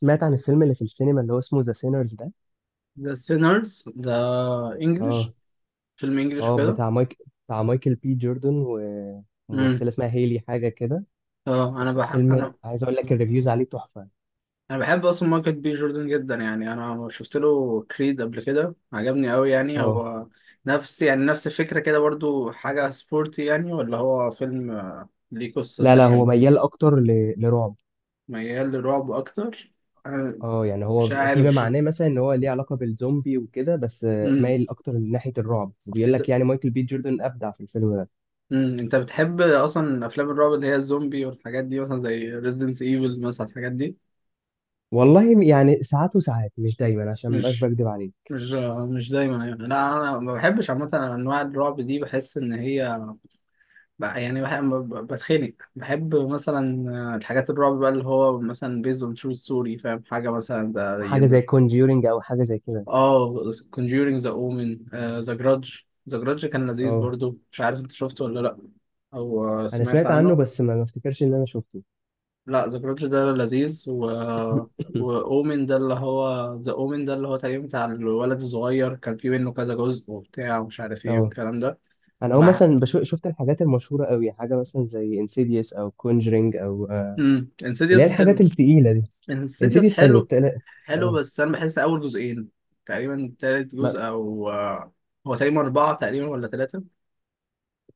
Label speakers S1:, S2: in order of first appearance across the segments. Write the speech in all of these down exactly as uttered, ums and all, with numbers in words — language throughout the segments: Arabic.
S1: سمعت عن الفيلم اللي في السينما اللي هو اسمه ذا سينرز ده.
S2: ذا سينرز ده
S1: اه،
S2: انجلش. فيلم انجلش
S1: اه،
S2: وكده.
S1: بتاع مايك بتاع مايكل بي جوردن
S2: امم
S1: وممثلة اسمها هيلي حاجة كده.
S2: اه، انا
S1: بس
S2: بح...
S1: فيلم،
S2: انا
S1: عايز اقول لك، الريفيوز عليه تحفة.
S2: انا بحب اصلا مايكل بي جوردن جدا، يعني انا شفت له كريد قبل كده، عجبني قوي. يعني
S1: اه،
S2: هو نفس، يعني نفس الفكره كده برضو، حاجه سبورتي يعني، ولا هو فيلم آه، ليه قصه
S1: لا، لا، هو
S2: تانية؟
S1: ميال اكتر ل... لرعب.
S2: ميال للرعب اكتر. انا
S1: اه يعني هو
S2: مش
S1: فيما
S2: عارف.
S1: معناه مثلا ان هو ليه علاقة بالزومبي وكده، بس آه،
S2: امم
S1: مايل اكتر لناحية الرعب، وبيقول لك
S2: انت،
S1: يعني مايكل بي جوردن ابدع في الفيلم ده.
S2: امم انت بتحب اصلا افلام الرعب اللي هي الزومبي والحاجات دي، مثلا زي ريزيدنس ايفل مثلا، الحاجات دي؟
S1: والله يعني ساعات وساعات، مش دايما، عشان مبقاش
S2: مش
S1: بكدب عليك.
S2: مش مش دايما يعني، لا انا ما بحبش عامه انواع الرعب دي، بحس ان هي ب- يعني بح- ب- بتخنق. بحب مثلا آه، الحاجات الرعب بقى اللي هو مثلا based on true story، فاهم؟ حاجه مثلا ده
S1: حاجة
S2: يز-
S1: زي كونجيورنج او حاجة زي كده.
S2: اه، Conjuring، the Omen، آه، The Grudge. The Grudge كان لذيذ
S1: اه،
S2: برضو، مش عارف انت شفته ولا لا؟ او آه،
S1: انا
S2: سمعت
S1: سمعت عنه
S2: عنه.
S1: بس ما ما افتكرش ان انا شفته.
S2: لا، The Grudge ده لذيذ. و و Omen ده اللي هو The Omen ده، اللي هو تقريبا بتاع الولد الصغير، كان في منه كذا جزء وبتاع ومش عارف ايه
S1: اه
S2: والكلام ده.
S1: انا اول
S2: بح...
S1: مثلا بشوف شفت الحاجات المشهوره قوي، حاجه مثلا زي انسيديوس او كونجرينج او آه،
S2: امم
S1: اللي هي
S2: انسيديوس
S1: الحاجات
S2: حلو.
S1: التقيله دي.
S2: انسيديوس
S1: انسيديوس حلو،
S2: حلو.
S1: التقيله.
S2: حلو،
S1: اه،
S2: بس انا بحس اول جزئين تقريبا، تالت
S1: ما-
S2: جزء او آه، هو تقريبا اربعه تقريبا ولا ثلاثه؟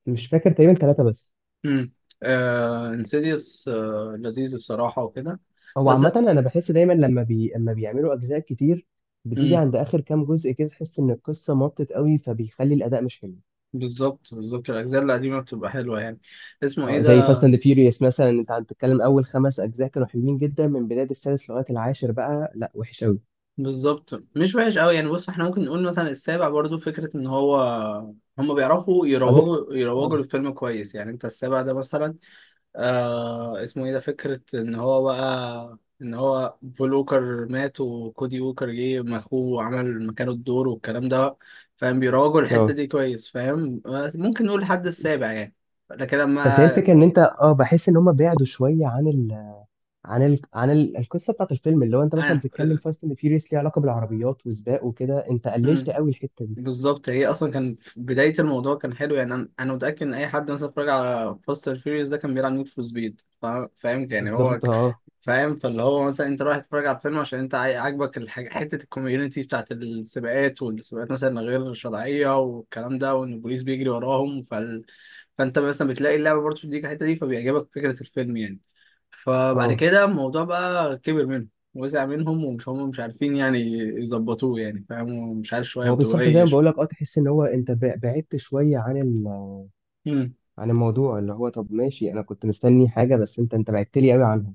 S1: مش فاكر، تقريبا ثلاثه بس.
S2: امم آه، انسيديوس آه لذيذ الصراحه وكده.
S1: هو
S2: بس
S1: عامه انا بحس دايما لما بي... لما بيعملوا اجزاء كتير بتيجي
S2: امم
S1: عند اخر كام جزء كده تحس ان القصه مطت قوي فبيخلي الاداء مش حلو.
S2: بالظبط، بالظبط. الاجزاء القديمه بتبقى حلوه يعني. اسمه ايه
S1: اه، زي
S2: ده؟
S1: فاست اند فيوريوس مثلا، انت عم تتكلم اول خمس اجزاء كانوا حلوين جدا، من بدايه السادس لغايه العاشر بقى لا وحش قوي.
S2: بالظبط، مش وحش قوي يعني. بص، احنا ممكن نقول مثلا السابع برضو، فكره ان هو، هم بيعرفوا
S1: اظن.
S2: يروجوا يروجوا
S1: اه.
S2: للفيلم كويس، يعني انت السابع ده مثلا آه، اسمه ايه ده؟ فكرة ان هو بقى، ان هو بول ووكر مات وكودي ووكر جه ما اخوه وعمل مكانه الدور والكلام ده، فاهم؟ بيراجعوا الحتة
S1: آه.
S2: دي كويس، فاهم؟ بس ممكن نقول الحد السابع يعني. لكن
S1: بس هي
S2: لما
S1: الفكره ان انت اه بحس ان هم بعدوا شويه عن ال... عن ال... عن ال... القصه بتاعت الفيلم. اللي هو انت مثلا
S2: آه.
S1: بتتكلم فاست اند فيوريوس، ليه علاقه بالعربيات وسباق وكده، انت قللت
S2: مم.
S1: قوي الحته دي.
S2: بالظبط. هي اصلا كان في بداية الموضوع كان حلو يعني، انا أنا متأكد ان اي حد مثلا اتفرج على فاست اند فيوريوس ده كان بيلعب نيد فور سبيد، فاهم؟ يعني هو
S1: بالظبط. اه،
S2: فاهم. فاللي هو مثلا انت رايح تتفرج على الفيلم عشان انت عاي- عاجبك الحاجة، حتة الكوميونتي بتاعت السباقات، والسباقات مثلا غير شرعية والكلام ده، وان البوليس بيجري وراهم، فال... فانت مثلا بتلاقي اللعبة برضه بتديك الحتة دي، فبيعجبك فكرة الفيلم يعني. فبعد
S1: اه،
S2: كده الموضوع بقى كبر منهم، وسع منهم، ومش هم مش عارفين يعني يظبطوه، يعني فاهم، ومش عارف شوية
S1: هو
S2: في
S1: بالظبط زي ما بقول لك، اه تحس ان هو انت بع- بعدت شويه عن ال...
S2: دبي.
S1: عن الموضوع. اللي هو طب ماشي، انا كنت مستني حاجه بس انت انت بعدت لي قوي عنها.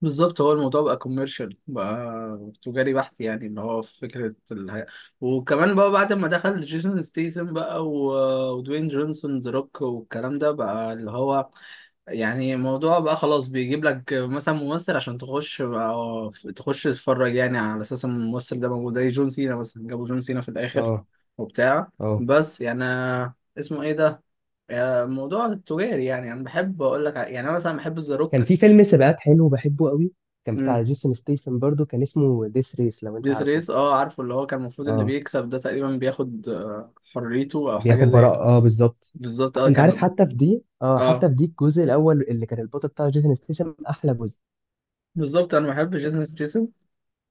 S2: بالظبط. هو الموضوع بقى كوميرشال بقى، تجاري بحت يعني، اللي هو في فكرة الهي... وكمان بقى بعد ما دخل جيسون ستيسن بقى، و... ودوين جونسون ذا روك والكلام ده، بقى اللي هو يعني الموضوع بقى خلاص، بيجيب لك مثلا ممثل عشان تخش بقى... تخش تتفرج يعني، على أساس إن الممثل ده موجود، زي جون سينا مثلا، جابوا جون سينا في الآخر
S1: اه،
S2: وبتاع.
S1: اه،
S2: بس يعني اسمه إيه ده؟ آه، الموضوع التجاري، يعني أنا بحب أقول لك ع- يعني أنا مثلا بحب ذا
S1: كان
S2: روك.
S1: في فيلم سباقات حلو بحبه قوي. كان بتاع جيسون ستيسن برضو، كان اسمه ديس ريس، لو انت
S2: ديس
S1: عارفه.
S2: ريس، اه عارفه، اللي هو كان المفروض اللي
S1: اه،
S2: بيكسب ده تقريبا بياخد آه، حريته او حاجه
S1: بياخد
S2: زي.
S1: براءة، اه، بالظبط.
S2: بالظبط اه،
S1: انت عارف،
S2: كان.
S1: حتى في دي اه
S2: اه
S1: حتى في دي الجزء الاول اللي كان البطل بتاعه جيسون ستيسن احلى جزء.
S2: بالظبط، انا بحب جيسون ستيسن.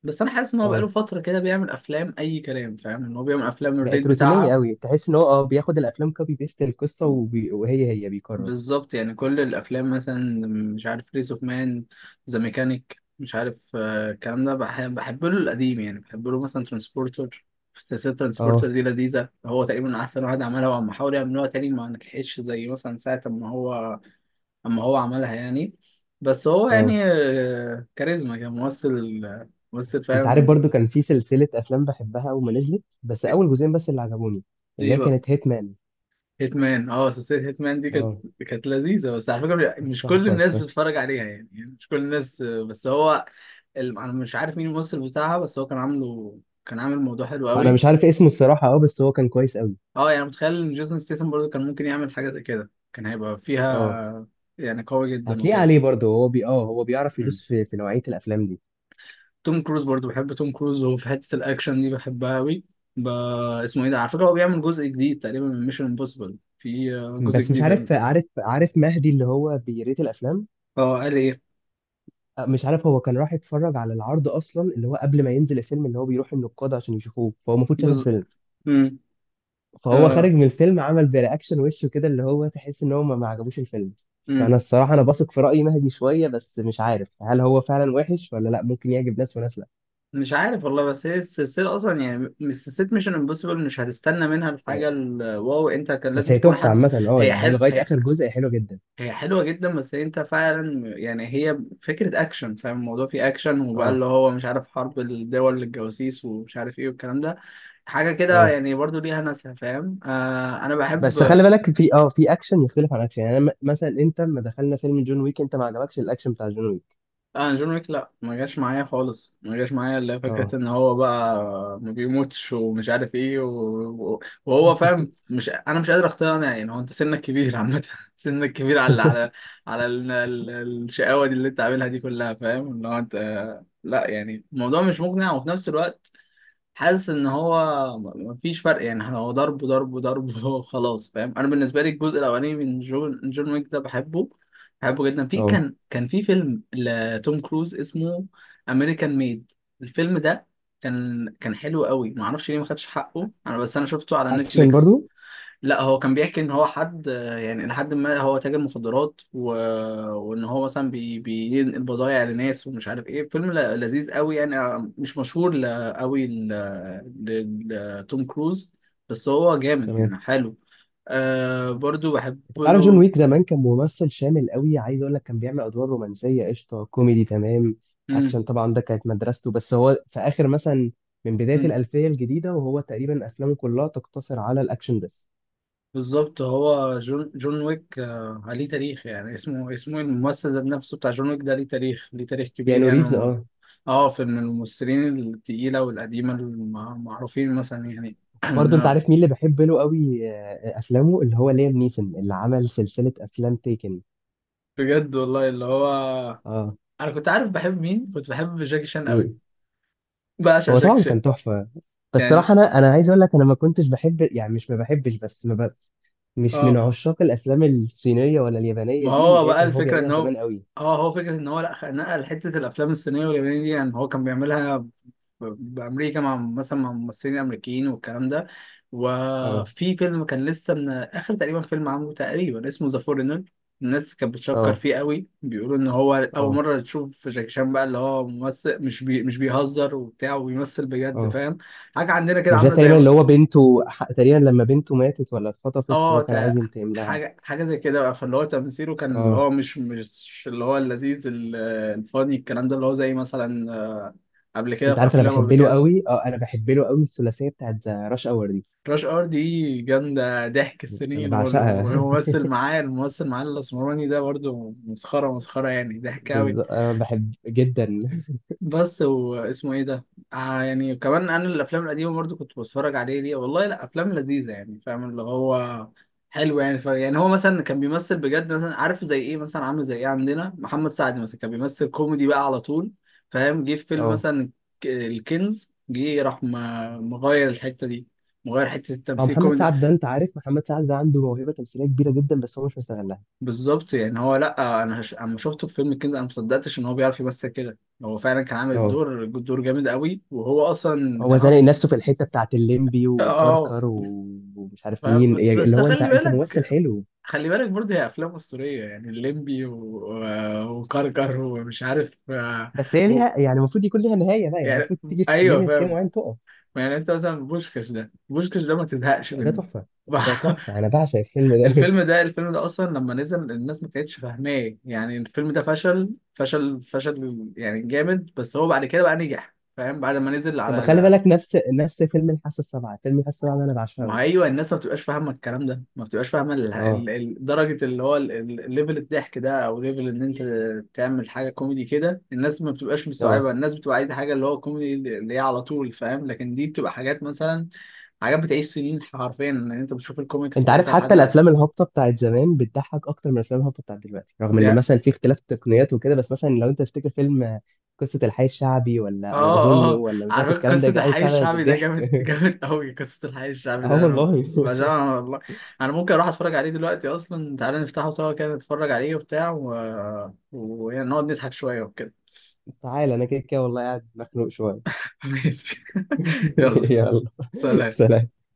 S2: بس انا حاسس ان هو بقاله
S1: اه،
S2: فتره كده بيعمل افلام اي كلام، فاهم؟ ان هو بيعمل افلام
S1: بقت
S2: الريت
S1: روتينيه
S2: بتاعها.
S1: قوي، تحس ان هو اه بياخد الافلام كوبي بيست القصه، وبي... وهي هي بيكرر.
S2: بالظبط. يعني كل الافلام مثلا، مش عارف ريس اوف مان، ذا ميكانيك، مش عارف آه، الكلام ده. بحب بحب له القديم يعني، بحب له مثلا ترانسبورتر. سلسلة ترانسبورتر
S1: اه،
S2: دي لذيذة، هو تقريبا أحسن واحد عملها، وعم حاول يعملوها تاني ما نجحتش زي مثلا ساعة ما هو، اما هو عملها يعني. بس هو
S1: اه،
S2: يعني آه، كاريزما، كان ممثل، ممثل
S1: انت عارف
S2: فاهم.
S1: برضو كان في سلسله افلام بحبها اول ما نزلت، بس اول جزئين بس اللي عجبوني، اللي
S2: ايه
S1: هي
S2: بقى؟
S1: كانت هيت مان.
S2: هيتمان، اه. سلسلة هيتمان دي كانت،
S1: اه،
S2: كانت لذيذة، بس على فكرة مش كل
S1: تحفة
S2: الناس
S1: الصراحة.
S2: بتتفرج عليها يعني، يعني مش كل الناس آه، بس هو ال- انا مش عارف مين الممثل بتاعها، بس هو كان عامله، كان عامل موضوع حلو
S1: انا
S2: قوي.
S1: مش عارف اسمه الصراحه، اه، بس هو كان كويس قوي.
S2: اه، يعني متخيل ان جيسون ستيسن برضه كان ممكن يعمل حاجة زي كده، كان هيبقى
S1: اه،
S2: فيها يعني قوي جدا
S1: هتلاقيه
S2: وكده.
S1: عليه برضه، هو بي اه هو بيعرف يدوس في, في نوعيه الافلام دي.
S2: توم كروز برضو، بحب توم كروز، وفي حتة الأكشن دي بحبها أوي. ب... اسمه إيه ده؟ على فكرة هو بيعمل جزء جديد تقريبا من ميشن امبوسيبل، في آه، جزء
S1: بس مش
S2: جديد بيعمل.
S1: عارف. عارف عارف مهدي اللي هو بيريت الافلام؟
S2: اه، قال إيه؟
S1: مش عارف هو كان راح يتفرج على العرض اصلا اللي هو قبل ما ينزل الفيلم، اللي هو بيروح النقاد عشان يشوفوه، فهو المفروض شاف
S2: جزء.
S1: الفيلم.
S2: امم
S1: فهو خارج
S2: اه.
S1: من الفيلم عمل برياكشن وشه كده، اللي هو تحس ان هو ما ما عجبوش الفيلم. فانا
S2: امم
S1: الصراحه انا بثق في راي مهدي شويه، بس مش عارف هل هو فعلا وحش ولا لا، ممكن يعجب ناس وناس لا.
S2: مش عارف والله. بس هي السلسلة أصلا يعني، مش سلسلة ميشن امبوسيبل مش هتستنى منها
S1: يعني-
S2: الحاجة الواو، أنت كان لازم
S1: بس هي
S2: تكون
S1: تحفه
S2: حد.
S1: عامه، اه
S2: هي
S1: يعني هي
S2: حل...
S1: لغايه
S2: هي،
S1: اخر جزء هي حلوه جدا.
S2: هي حلوة جدا، بس انت فعلا يعني هي فكرة اكشن، فاهم؟ الموضوع فيه اكشن، وبقى
S1: اه،
S2: اللي هو مش عارف حرب الدول للجواسيس ومش عارف ايه والكلام ده، حاجة كده
S1: اه،
S2: يعني، برضو ليها ناسها، فاهم؟ آه، انا
S1: بس خلي
S2: بحب.
S1: بالك في اه في اكشن يختلف عن اكشن. يعني أنا م- مثلا، انت لما دخلنا فيلم جون ويك انت ما عجبكش الاكشن بتاع جون ويك.
S2: لا، انا جون ويك لا، ما جاش معايا خالص ما جاش معايا، الا فكره
S1: اه.
S2: ان هو بقى ما بيموتش ومش عارف ايه، و... وهو فاهم، مش انا مش قادر اقتنع يعني. هو انت سنك كبير عامه سنك كبير على على، على ال... ال... الشقاوه دي اللي انت عاملها دي كلها، فاهم؟ اللي هو انت، لا يعني الموضوع مش مقنع. وفي نفس الوقت حاسس ان هو م- مفيش فرق يعني، احنا هو ضرب ضرب ضرب خلاص، فاهم؟ انا بالنسبه لي الجزء الاولاني من جون جون ويك ده بحبه، بحبه جدا. في
S1: اه،
S2: كان، كان في فيلم لتوم كروز اسمه امريكان ميد، الفيلم ده كان، كان حلو قوي، ما اعرفش ليه ما خدش حقه، انا بس انا شفته على
S1: اكشن
S2: نتفليكس.
S1: برضو.
S2: لا، هو كان بيحكي ان هو حد يعني، لحد ما هو تاجر مخدرات و... وان هو مثلا بي... بينقل بضايع لناس ومش عارف ايه. فيلم ل... لذيذ قوي يعني آه، مش مشهور ل... قوي ل... ل... لتوم كروز، بس هو جامد
S1: تمام.
S2: يعني، حلو. آه، برضو بحب
S1: انت عارف جون
S2: له.
S1: ويك زمان كان ممثل شامل قوي، عايز اقول لك كان بيعمل ادوار رومانسيه قشطه، كوميدي تمام،
S2: مم.
S1: اكشن طبعا، ده كانت مدرسته. بس هو في اخر مثلا، من بدايه
S2: مم.
S1: الالفيه الجديده وهو تقريبا افلامه كلها تقتصر على الاكشن بس.
S2: بالظبط. هو جون جون ويك آه عليه تاريخ يعني، اسمه اسمه الممثل ذات نفسه بتاع جون ويك ده ليه تاريخ، ليه تاريخ كبير
S1: كيانو ريفز.
S2: يعني.
S1: اه،
S2: اه، في من الممثلين التقيلة والقديمة المعروفين مثلا يعني.
S1: برضه انت
S2: نعم.
S1: عارف مين اللي بحب له قوي آه، افلامه، اللي هو ليام نيسون، اللي عمل سلسله افلام تيكن.
S2: بجد والله، اللي هو
S1: اه.
S2: انا كنت عارف بحب مين؟ كنت بحب جاكي شان قوي،
S1: مين.
S2: بعشق
S1: هو
S2: جاكي
S1: طبعا
S2: شان.
S1: كان تحفه. بس
S2: يعني ج-
S1: صراحه، انا انا عايز اقول لك انا ما كنتش بحب، يعني مش ما بحبش بس ما ب... مش من
S2: اه،
S1: عشاق الافلام الصينيه ولا اليابانيه
S2: ما
S1: دي اللي
S2: هو
S1: هي
S2: بقى
S1: كان هو
S2: الفكرة ان
S1: بيعملها
S2: هو،
S1: زمان قوي.
S2: اه هو فكرة ان هو، لا خ- نقل حتة الافلام الصينية واليابانية دي يعني، هو كان بيعملها بأمريكا مع مثلا مع ممثلين أمريكيين والكلام ده.
S1: اه،
S2: وفي فيلم كان لسه من آخر تقريبا فيلم عامله تقريبا اسمه ذا فورنر، الناس كانت بتشكر
S1: اه،
S2: فيه قوي، بيقولوا إن هو أول
S1: اه،
S2: مرة تشوف جاكي شان بقى اللي هو ممثل، مش بي مش بيهزر وبتاع، وبيمثل بجد،
S1: اه،
S2: فاهم؟ حاجة عندنا كده
S1: مش ده
S2: عاملة
S1: تقريبا
S2: زي،
S1: اللي هو بنته ح- تقريبا لما بنته ماتت ولا اتخطفت،
S2: اه
S1: فهو كان
S2: تا-
S1: عايز ينتقم لها؟
S2: حاجة، حاجة زي كده بقى. فاللي هو تمثيله كان اللي
S1: اه،
S2: هو مش، مش اللي هو اللذيذ ال- الفاني، الكلام ده، اللي هو زي مثلا آه، قبل كده،
S1: انت
S2: في
S1: عارف، انا
S2: أفلام قبل
S1: بحب له
S2: كده.
S1: قوي اه انا بحب له قوي الثلاثيه بتاعت راش اور دي.
S2: راش ار دي جامدة، ضحك
S1: انا
S2: السنين، وال-
S1: بعشقها.
S2: والممثل معاه، الممثل معاه الأسمراني ده برضو مسخرة، مسخرة يعني، ضحك
S1: بز...
S2: أوي.
S1: انا بحب جدا.
S2: بس واسمه إيه ده؟ آه، يعني كمان أنا الأفلام القديمة برضو كنت بتفرج عليه ليه والله، لا أفلام لذيذة يعني، فاهم؟ اللي هو حلو يعني ف... يعني هو مثلا كان بيمثل بجد، مثلا عارف زي إيه؟ مثلا عامل زي إيه عندنا؟ محمد سعد مثلا، كان بيمثل كوميدي بقى على طول، فاهم؟ جه في فيلم
S1: اه،
S2: مثلا ك- الكنز، جه راح م- مغير الحتة دي، مغير حتة
S1: اه،
S2: التمثيل
S1: محمد
S2: كوميدي.
S1: سعد ده، انت عارف محمد سعد ده عنده موهبه تمثيليه كبيره جدا بس هو مش مستغلها.
S2: بالظبط يعني، هو لا انا هش... اما شفته في فيلم الكنز انا ما صدقتش ان هو بيعرف يمثل كده. هو فعلا كان عامل
S1: اه،
S2: الدور، دور جامد قوي، وهو اصلا
S1: هو
S2: كان
S1: زانق
S2: اكتر.
S1: نفسه في الحته بتاعت الليمبي
S2: اه آه،
S1: وكركر و- ومش
S2: ف...
S1: عارف مين، يعني اللي
S2: بس
S1: هو انت
S2: خلي
S1: انت
S2: بالك،
S1: ممثل حلو.
S2: خلي بالك برضه هي افلام اسطوريه يعني، الليمبي و... و... وكركر ومش عارف آه،
S1: بس هي
S2: و...
S1: ليها، يعني المفروض يكون ليها نهايه بقى، يعني
S2: يعني
S1: المفروض تيجي في
S2: ايوه،
S1: ليميت كده
S2: فاهم.
S1: معين تقف.
S2: يعني انت مثلا بوشكش ده، بوشكش ده ما تزهقش
S1: ده
S2: منه
S1: تحفه. ده تحفه، انا بعشق الفيلم ده.
S2: الفيلم ده، الفيلم ده اصلا لما نزل الناس ما كانتش فاهماه يعني، الفيلم ده فشل فشل فشل يعني جامد، بس هو بعد كده بقى نجح، فاهم؟ بعد ما نزل
S1: طب
S2: على
S1: ما خلي
S2: ال-
S1: بالك، نفس نفس فيلم الحاسه السابعه فيلم الحاسه السابعه ده انا بعشقه
S2: ما هو
S1: قوي.
S2: ايوه، الناس ما بتبقاش فاهمه الكلام ده، ما بتبقاش فاهمه ال-
S1: اه،
S2: ال- ال- درجه اللي هو ال- ال- الليفل الضحك ده، او ليفل ان انت تعمل حاجه كوميدي كده، الناس ما بتبقاش
S1: اه،
S2: مستوعبه، الناس بتبقى عايزه حاجه اللي هو كوميدي اللي هي على طول، فاهم؟ لكن دي بتبقى حاجات مثلا، حاجات بتعيش سنين حرفيا، ان انت بتشوف الكوميكس
S1: انت عارف
S2: بتاعتها لحد
S1: حتى
S2: دلوقتي.
S1: الافلام الهابطه بتاعت زمان بتضحك اكتر من الافلام الهابطه بتاعت دلوقتي، رغم
S2: دي
S1: ان مثلا في اختلاف تقنيات وكده، بس مثلا لو انت تفتكر فيلم قصه الحي الشعبي، ولا
S2: اه،
S1: ايظنه،
S2: اه
S1: ولا مش عارف
S2: عارفين
S1: الكلام ده،
S2: قصة
S1: يا جدعان،
S2: الحي
S1: بتاع ده
S2: الشعبي ده؟
S1: ضحك.
S2: جامد، جامد قوي قصة الحي الشعبي
S1: اه
S2: ده، انا
S1: والله.
S2: بعشقها والله. انا ممكن اروح اتفرج عليه دلوقتي اصلا، تعالى نفتحه سوا كده نتفرج عليه وبتاع و... ونقعد نضحك شوية وكده
S1: تعال، انا كده كده والله قاعد مخنوق شويه.
S2: ماشي يلا،
S1: يلا.
S2: سلام.
S1: سلام.